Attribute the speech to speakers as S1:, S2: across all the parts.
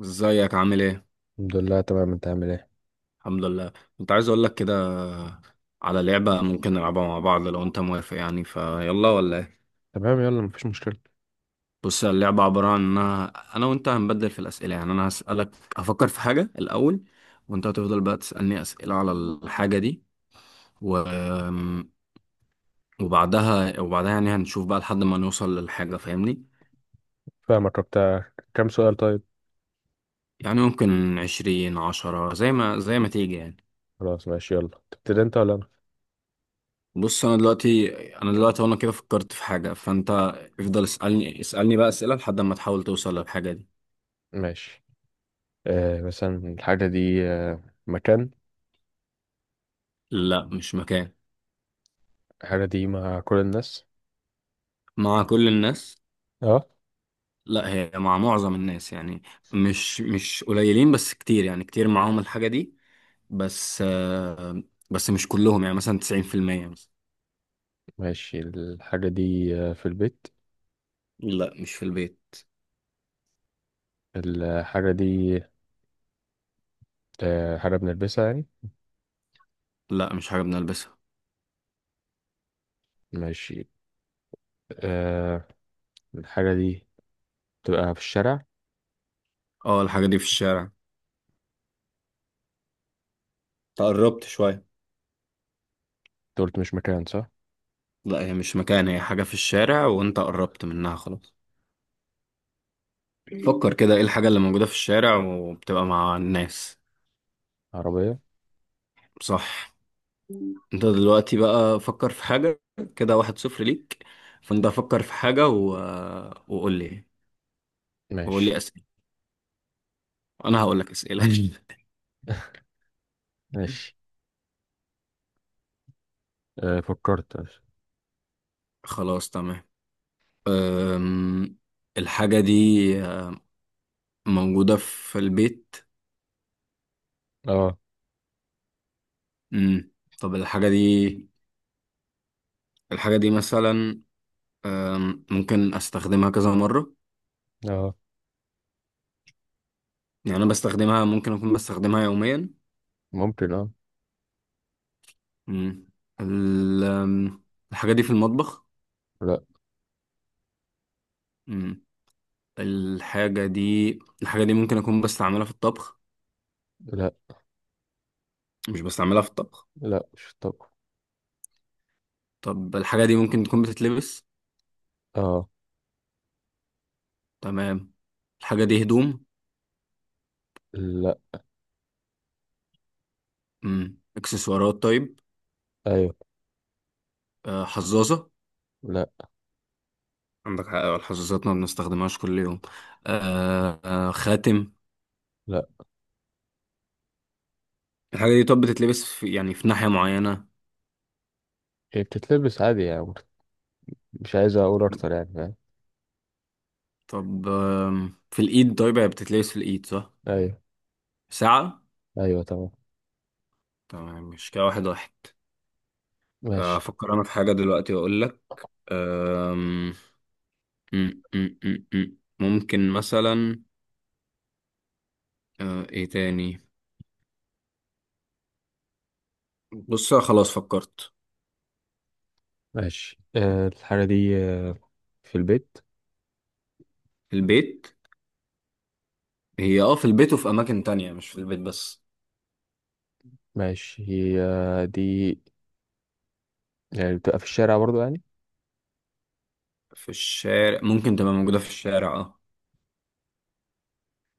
S1: ازيك؟ عامل ايه؟
S2: الحمد لله، تمام. انت عامل ايه؟
S1: الحمد لله. كنت عايز اقول لك كده على لعبة ممكن نلعبها مع بعض لو انت موافق، يعني فيلا ولا ايه؟
S2: تمام، يلا مفيش مشكلة.
S1: بص، اللعبة عبارة عن انها انا وانت هنبدل في الاسئلة. يعني انا هسألك، هفكر في حاجة الاول وانت هتفضل بقى تسألني اسئلة على الحاجة دي و... وبعدها يعني هنشوف بقى لحد ما نوصل للحاجة، فاهمني؟
S2: فاهمك. بتاع كام سؤال طيب؟
S1: يعني ممكن عشرين، عشرة، زي ما تيجي يعني.
S2: خلاص ماشي، يلا تبتدي انت ولا انا؟
S1: بص انا دلوقتي وانا كده فكرت في حاجه، فانت افضل اسالني بقى اسئله لحد ما تحاول توصل للحاجه دي.
S2: ماشي. مثلا الحاجة دي مكان؟
S1: لا، مش مكان.
S2: الحاجة دي مع كل الناس؟
S1: مع كل الناس.
S2: اه.
S1: لا، هي مع معظم الناس يعني، مش قليلين بس كتير، يعني كتير معاهم الحاجه دي، بس آه، بس مش كلهم، يعني مثلا 90% مثلا.
S2: ماشي. الحاجة دي في البيت؟
S1: لا، مش في البيت.
S2: الحاجة دي حاجة بنلبسها يعني؟
S1: لا، مش حاجه بنلبسها.
S2: ماشي. آه الحاجة دي تبقى في الشارع؟
S1: اه، الحاجه دي في الشارع. تقربت شويه.
S2: انت قلت مش مكان، صح؟
S1: لا، هي مش مكان، هي حاجه في الشارع وانت قربت منها خلاص. فكر كده، ايه الحاجة اللي موجودة في الشارع وبتبقى مع الناس؟
S2: عربية؟
S1: صح. انت دلوقتي بقى فكر في حاجة، كده واحد صفر ليك. فانت فكر في حاجة وقول لي،
S2: ماشي.
S1: اسئلة، انا هقول لك اسئلة.
S2: ماشي فكرت.
S1: خلاص تمام. أم... الحاجة دي موجودة في البيت.
S2: اه،
S1: أم... طب الحاجة دي، الحاجة دي مثلا ممكن استخدمها كذا مرة؟
S2: اه،
S1: يعني انا بستخدمها، ممكن اكون بستخدمها يوميا.
S2: ممكن، اه.
S1: مم. ال- أم، الحاجة دي في المطبخ؟
S2: لا.
S1: مم. الحاجة دي الحاجة دي ممكن أكون بستعملها في الطبخ؟
S2: لا،
S1: مش بستعملها في الطبخ.
S2: لا مش الطبق.
S1: طب الحاجة دي ممكن تكون بتتلبس؟
S2: اه.
S1: تمام. الحاجة دي هدوم؟
S2: لا.
S1: إكسسوارات طيب.
S2: ايوه.
S1: آه، حظاظة؟
S2: لا.
S1: عندك حق، الحظاظات ما بنستخدمهاش كل يوم. آه خاتم؟
S2: لا،
S1: الحاجة دي طب بتتلبس في، يعني في ناحية معينة؟
S2: هي بتتلبس عادي يعني. مش عايز اقول اكتر، يعني فاهم.
S1: طب في الإيد طيب، هي بتتلبس في الإيد صح؟
S2: ايوه.
S1: ساعة.
S2: ايوه، تمام.
S1: تمام، مش كده واحد واحد.
S2: ماشي.
S1: افكر انا في حاجه دلوقتي واقول لك. أم، أم، أم، أم، أم. ممكن مثلا، ايه تاني؟ بص، خلاص فكرت.
S2: ماشي. الحاجة دي في البيت.
S1: البيت. هي اه في البيت وفي اماكن تانية، مش في البيت بس.
S2: ماشي. هي دي يعني بتبقى في الشارع برضو يعني؟
S1: في الشارع، ممكن تبقى موجوده في الشارع اه.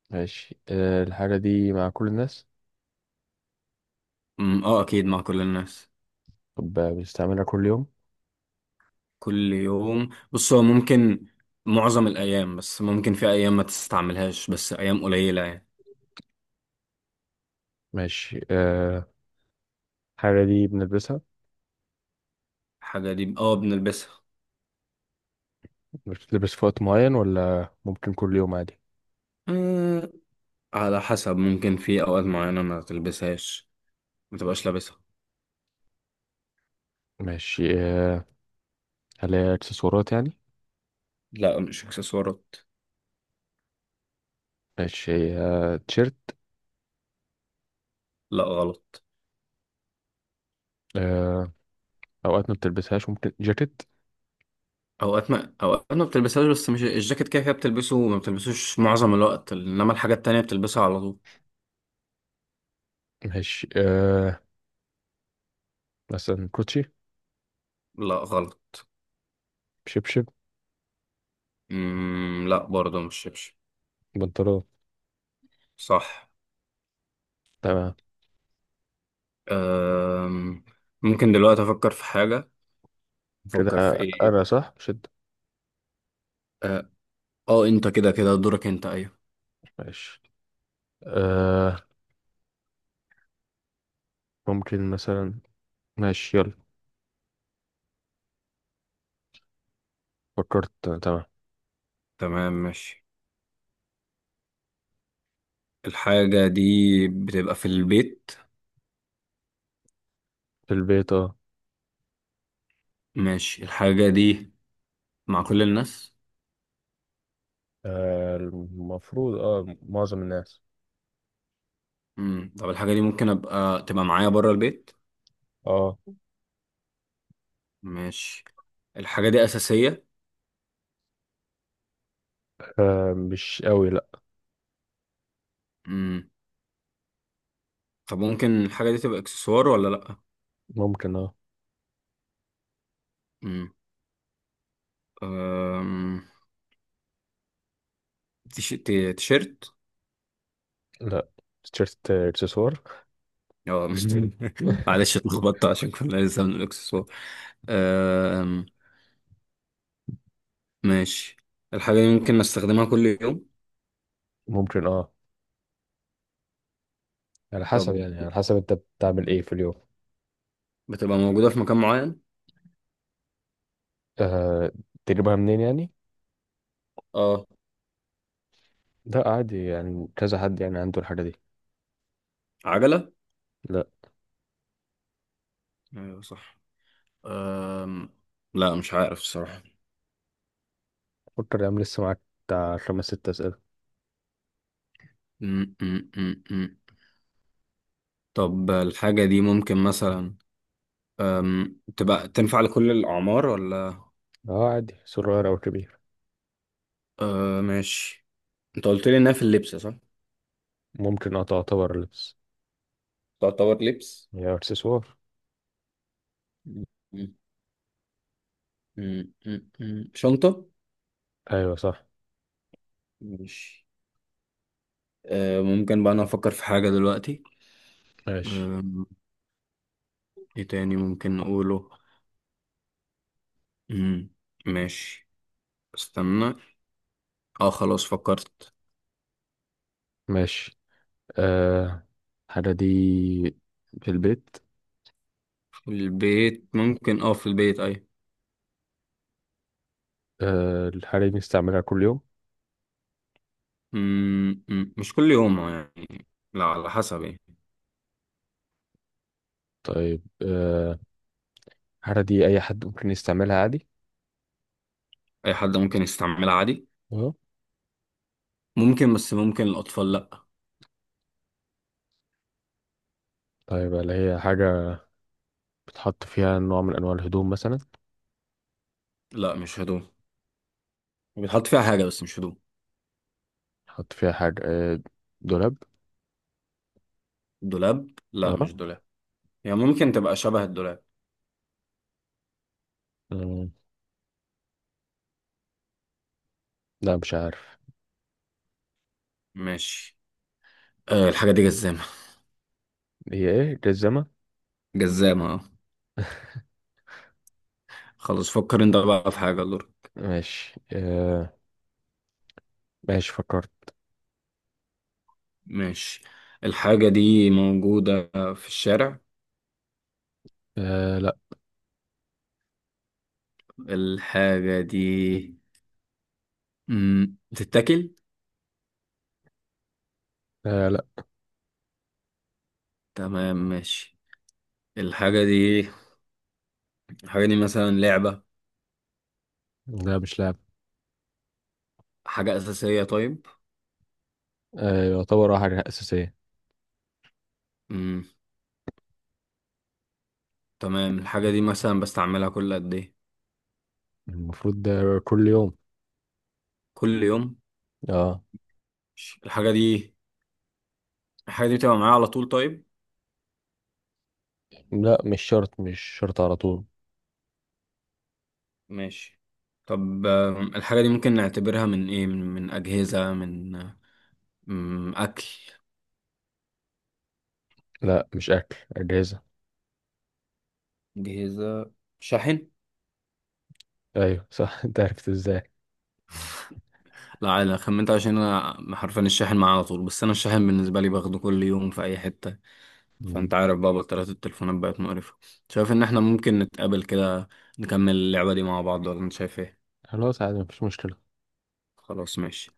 S2: ماشي. الحاجة دي مع كل الناس؟
S1: اه اكيد مع كل الناس.
S2: طب بنستعملها كل يوم؟
S1: كل يوم؟ بص، هو ممكن معظم الايام، بس ممكن في ايام ما تستعملهاش، بس ايام قليله يعني.
S2: ماشي. الحاجة دي بنلبسها.
S1: الحاجه دي اه بنلبسها.
S2: بتتلبس في وقت معين ولا ممكن كل يوم عادي؟
S1: أه، على حسب، ممكن في اوقات معينه ما تلبسهاش، ما تبقاش لابسها.
S2: ماشي. هل هي اكسسوارات يعني؟
S1: لا، مش اكسسوارات.
S2: ماشي. تيشيرت؟
S1: لا، غلط.
S2: آه، اوقات ما بتلبسهاش ممكن جاكيت؟
S1: اوقات ما بتلبسهاش، بس مش الجاكيت، كده كده بتلبسه وما بتلبسوش معظم الوقت، انما الحاجات التانية بتلبسها على طول.
S2: ماشي. مثلا كوتشي؟
S1: لا، غلط.
S2: شبشب؟
S1: لا، برضه مش شبشب.
S2: بنطلون؟
S1: صح.
S2: تمام.
S1: أم... ممكن دلوقتي افكر في حاجة،
S2: كده
S1: افكر في ايه؟
S2: انا صح شد؟
S1: اه، انت كده كده دورك انت، ايوه.
S2: ماشي. آه، ممكن مثلا. ماشي يلا. فكرت. تمام.
S1: تمام، ماشي. الحاجة دي بتبقى في البيت.
S2: في البيت، اه.
S1: ماشي. الحاجة دي مع كل الناس.
S2: المفروض اه معظم الناس.
S1: طب الحاجة دي ممكن ابقى تبقى معايا بره البيت؟
S2: اه.
S1: ماشي. الحاجة دي أساسية؟
S2: مش قوي، لا.
S1: مم. طب ممكن الحاجة دي تبقى إكسسوار ولا لأ؟
S2: ممكن، اه.
S1: مم. أم... تيشيرت؟
S2: لا. تيشيرت، آه، اكسسوار.
S1: اه مش. معلش اتلخبطت عشان كنا لسه من الإكسسوار. أم... ماشي. الحاجة دي ممكن نستخدمها كل يوم؟
S2: ممكن، اه. على
S1: طب
S2: حسب يعني، على حسب انت بتعمل ايه في اليوم.
S1: بتبقى موجودة في مكان معين؟
S2: آه، تجيبها منين يعني؟
S1: اه.
S2: ده عادي يعني، كذا حد يعني عنده الحاجة دي.
S1: عجلة؟
S2: لا.
S1: ايوه صح. أم... لا، مش عارف الصراحة.
S2: فكر يا عم، لسه معاك بتاع خمس ست أسئلة.
S1: مم، مم، مم، مم. طب الحاجة دي ممكن مثلا تبقى تنفع لكل الأعمار ولا؟
S2: اه، عادي، صغير أو كبير.
S1: أه ماشي. أنت قلت لي إنها في اللبس صح؟
S2: ممكن، اه، تعتبر لبس.
S1: تعتبر لبس.
S2: هي إكسسوار.
S1: م- شنطة؟
S2: أيوة، صح.
S1: ماشي. أه، ممكن بقى أنا أفكر في حاجة دلوقتي.
S2: ماشي.
S1: أم، إيه تاني ممكن نقوله؟ م- ماشي، استنى. اه خلاص فكرت.
S2: ماشي. آه الحاجة دي في البيت.
S1: في البيت؟ ممكن اه في البيت، أي.
S2: الحاجة دي بنستعملها كل يوم؟
S1: م- مش كل يوم يعني، لا على حسب يعني.
S2: طيب. الحاجة دي أي حد ممكن يستعملها عادي؟
S1: أي حد ممكن يستعملها عادي.
S2: اه.
S1: ممكن، بس ممكن الأطفال لأ.
S2: طيب، هل هي حاجة بتحط فيها نوع من أنواع الهدوم مثلا؟
S1: لا، مش هدوم. بيتحط فيها حاجة بس مش هدوم.
S2: بتحط فيها حاجة دولاب؟
S1: دولاب؟ لا،
S2: اه.
S1: مش دولاب. هي يعني ممكن تبقى شبه الدولاب.
S2: مم، لا مش عارف.
S1: ماشي. أه، الحاجة دي جزامة.
S2: هي ايه؟ جزمة؟
S1: جزامة اه. خلاص، فكر انت بقى في حاجة لور.
S2: ماشي. ماشي فكرت.
S1: ماشي. الحاجة دي موجودة في الشارع؟
S2: لا.
S1: الحاجة دي بتتاكل؟
S2: لا.
S1: تمام ماشي. الحاجة دي مثلا لعبة؟
S2: لا، مش لعب.
S1: حاجة أساسية طيب؟
S2: آه، يعتبر اه حاجة أساسية.
S1: مم. تمام، الحاجة دي مثلا بستعملها كل قد ايه؟
S2: المفروض ده كل يوم.
S1: كل يوم.
S2: اه.
S1: الحاجة دي، بتبقى معايا على طول طيب؟
S2: لا، مش شرط مش شرط على طول.
S1: ماشي. طب الحاجة دي ممكن نعتبرها من ايه، من أجهزة، من أكل؟
S2: لا، مش أكل. أجهزة.
S1: أجهزة، شاحن؟
S2: أيوة صح! أنت عرفت ازاي؟
S1: لا لا، خمنت عشان أنا حرفيا الشاحن معايا على طول، بس أنا الشاحن بالنسبة لي باخده كل يوم في أي حتة. فأنت
S2: مم.
S1: عارف بقى بطاريات التليفونات بقت مقرفة. شايف إن احنا ممكن نتقابل كده نكمل اللعبة دي مع بعض ولا أنت شايف ايه؟
S2: خلاص، عادي مفيش مشكلة.
S1: خلاص ماشي.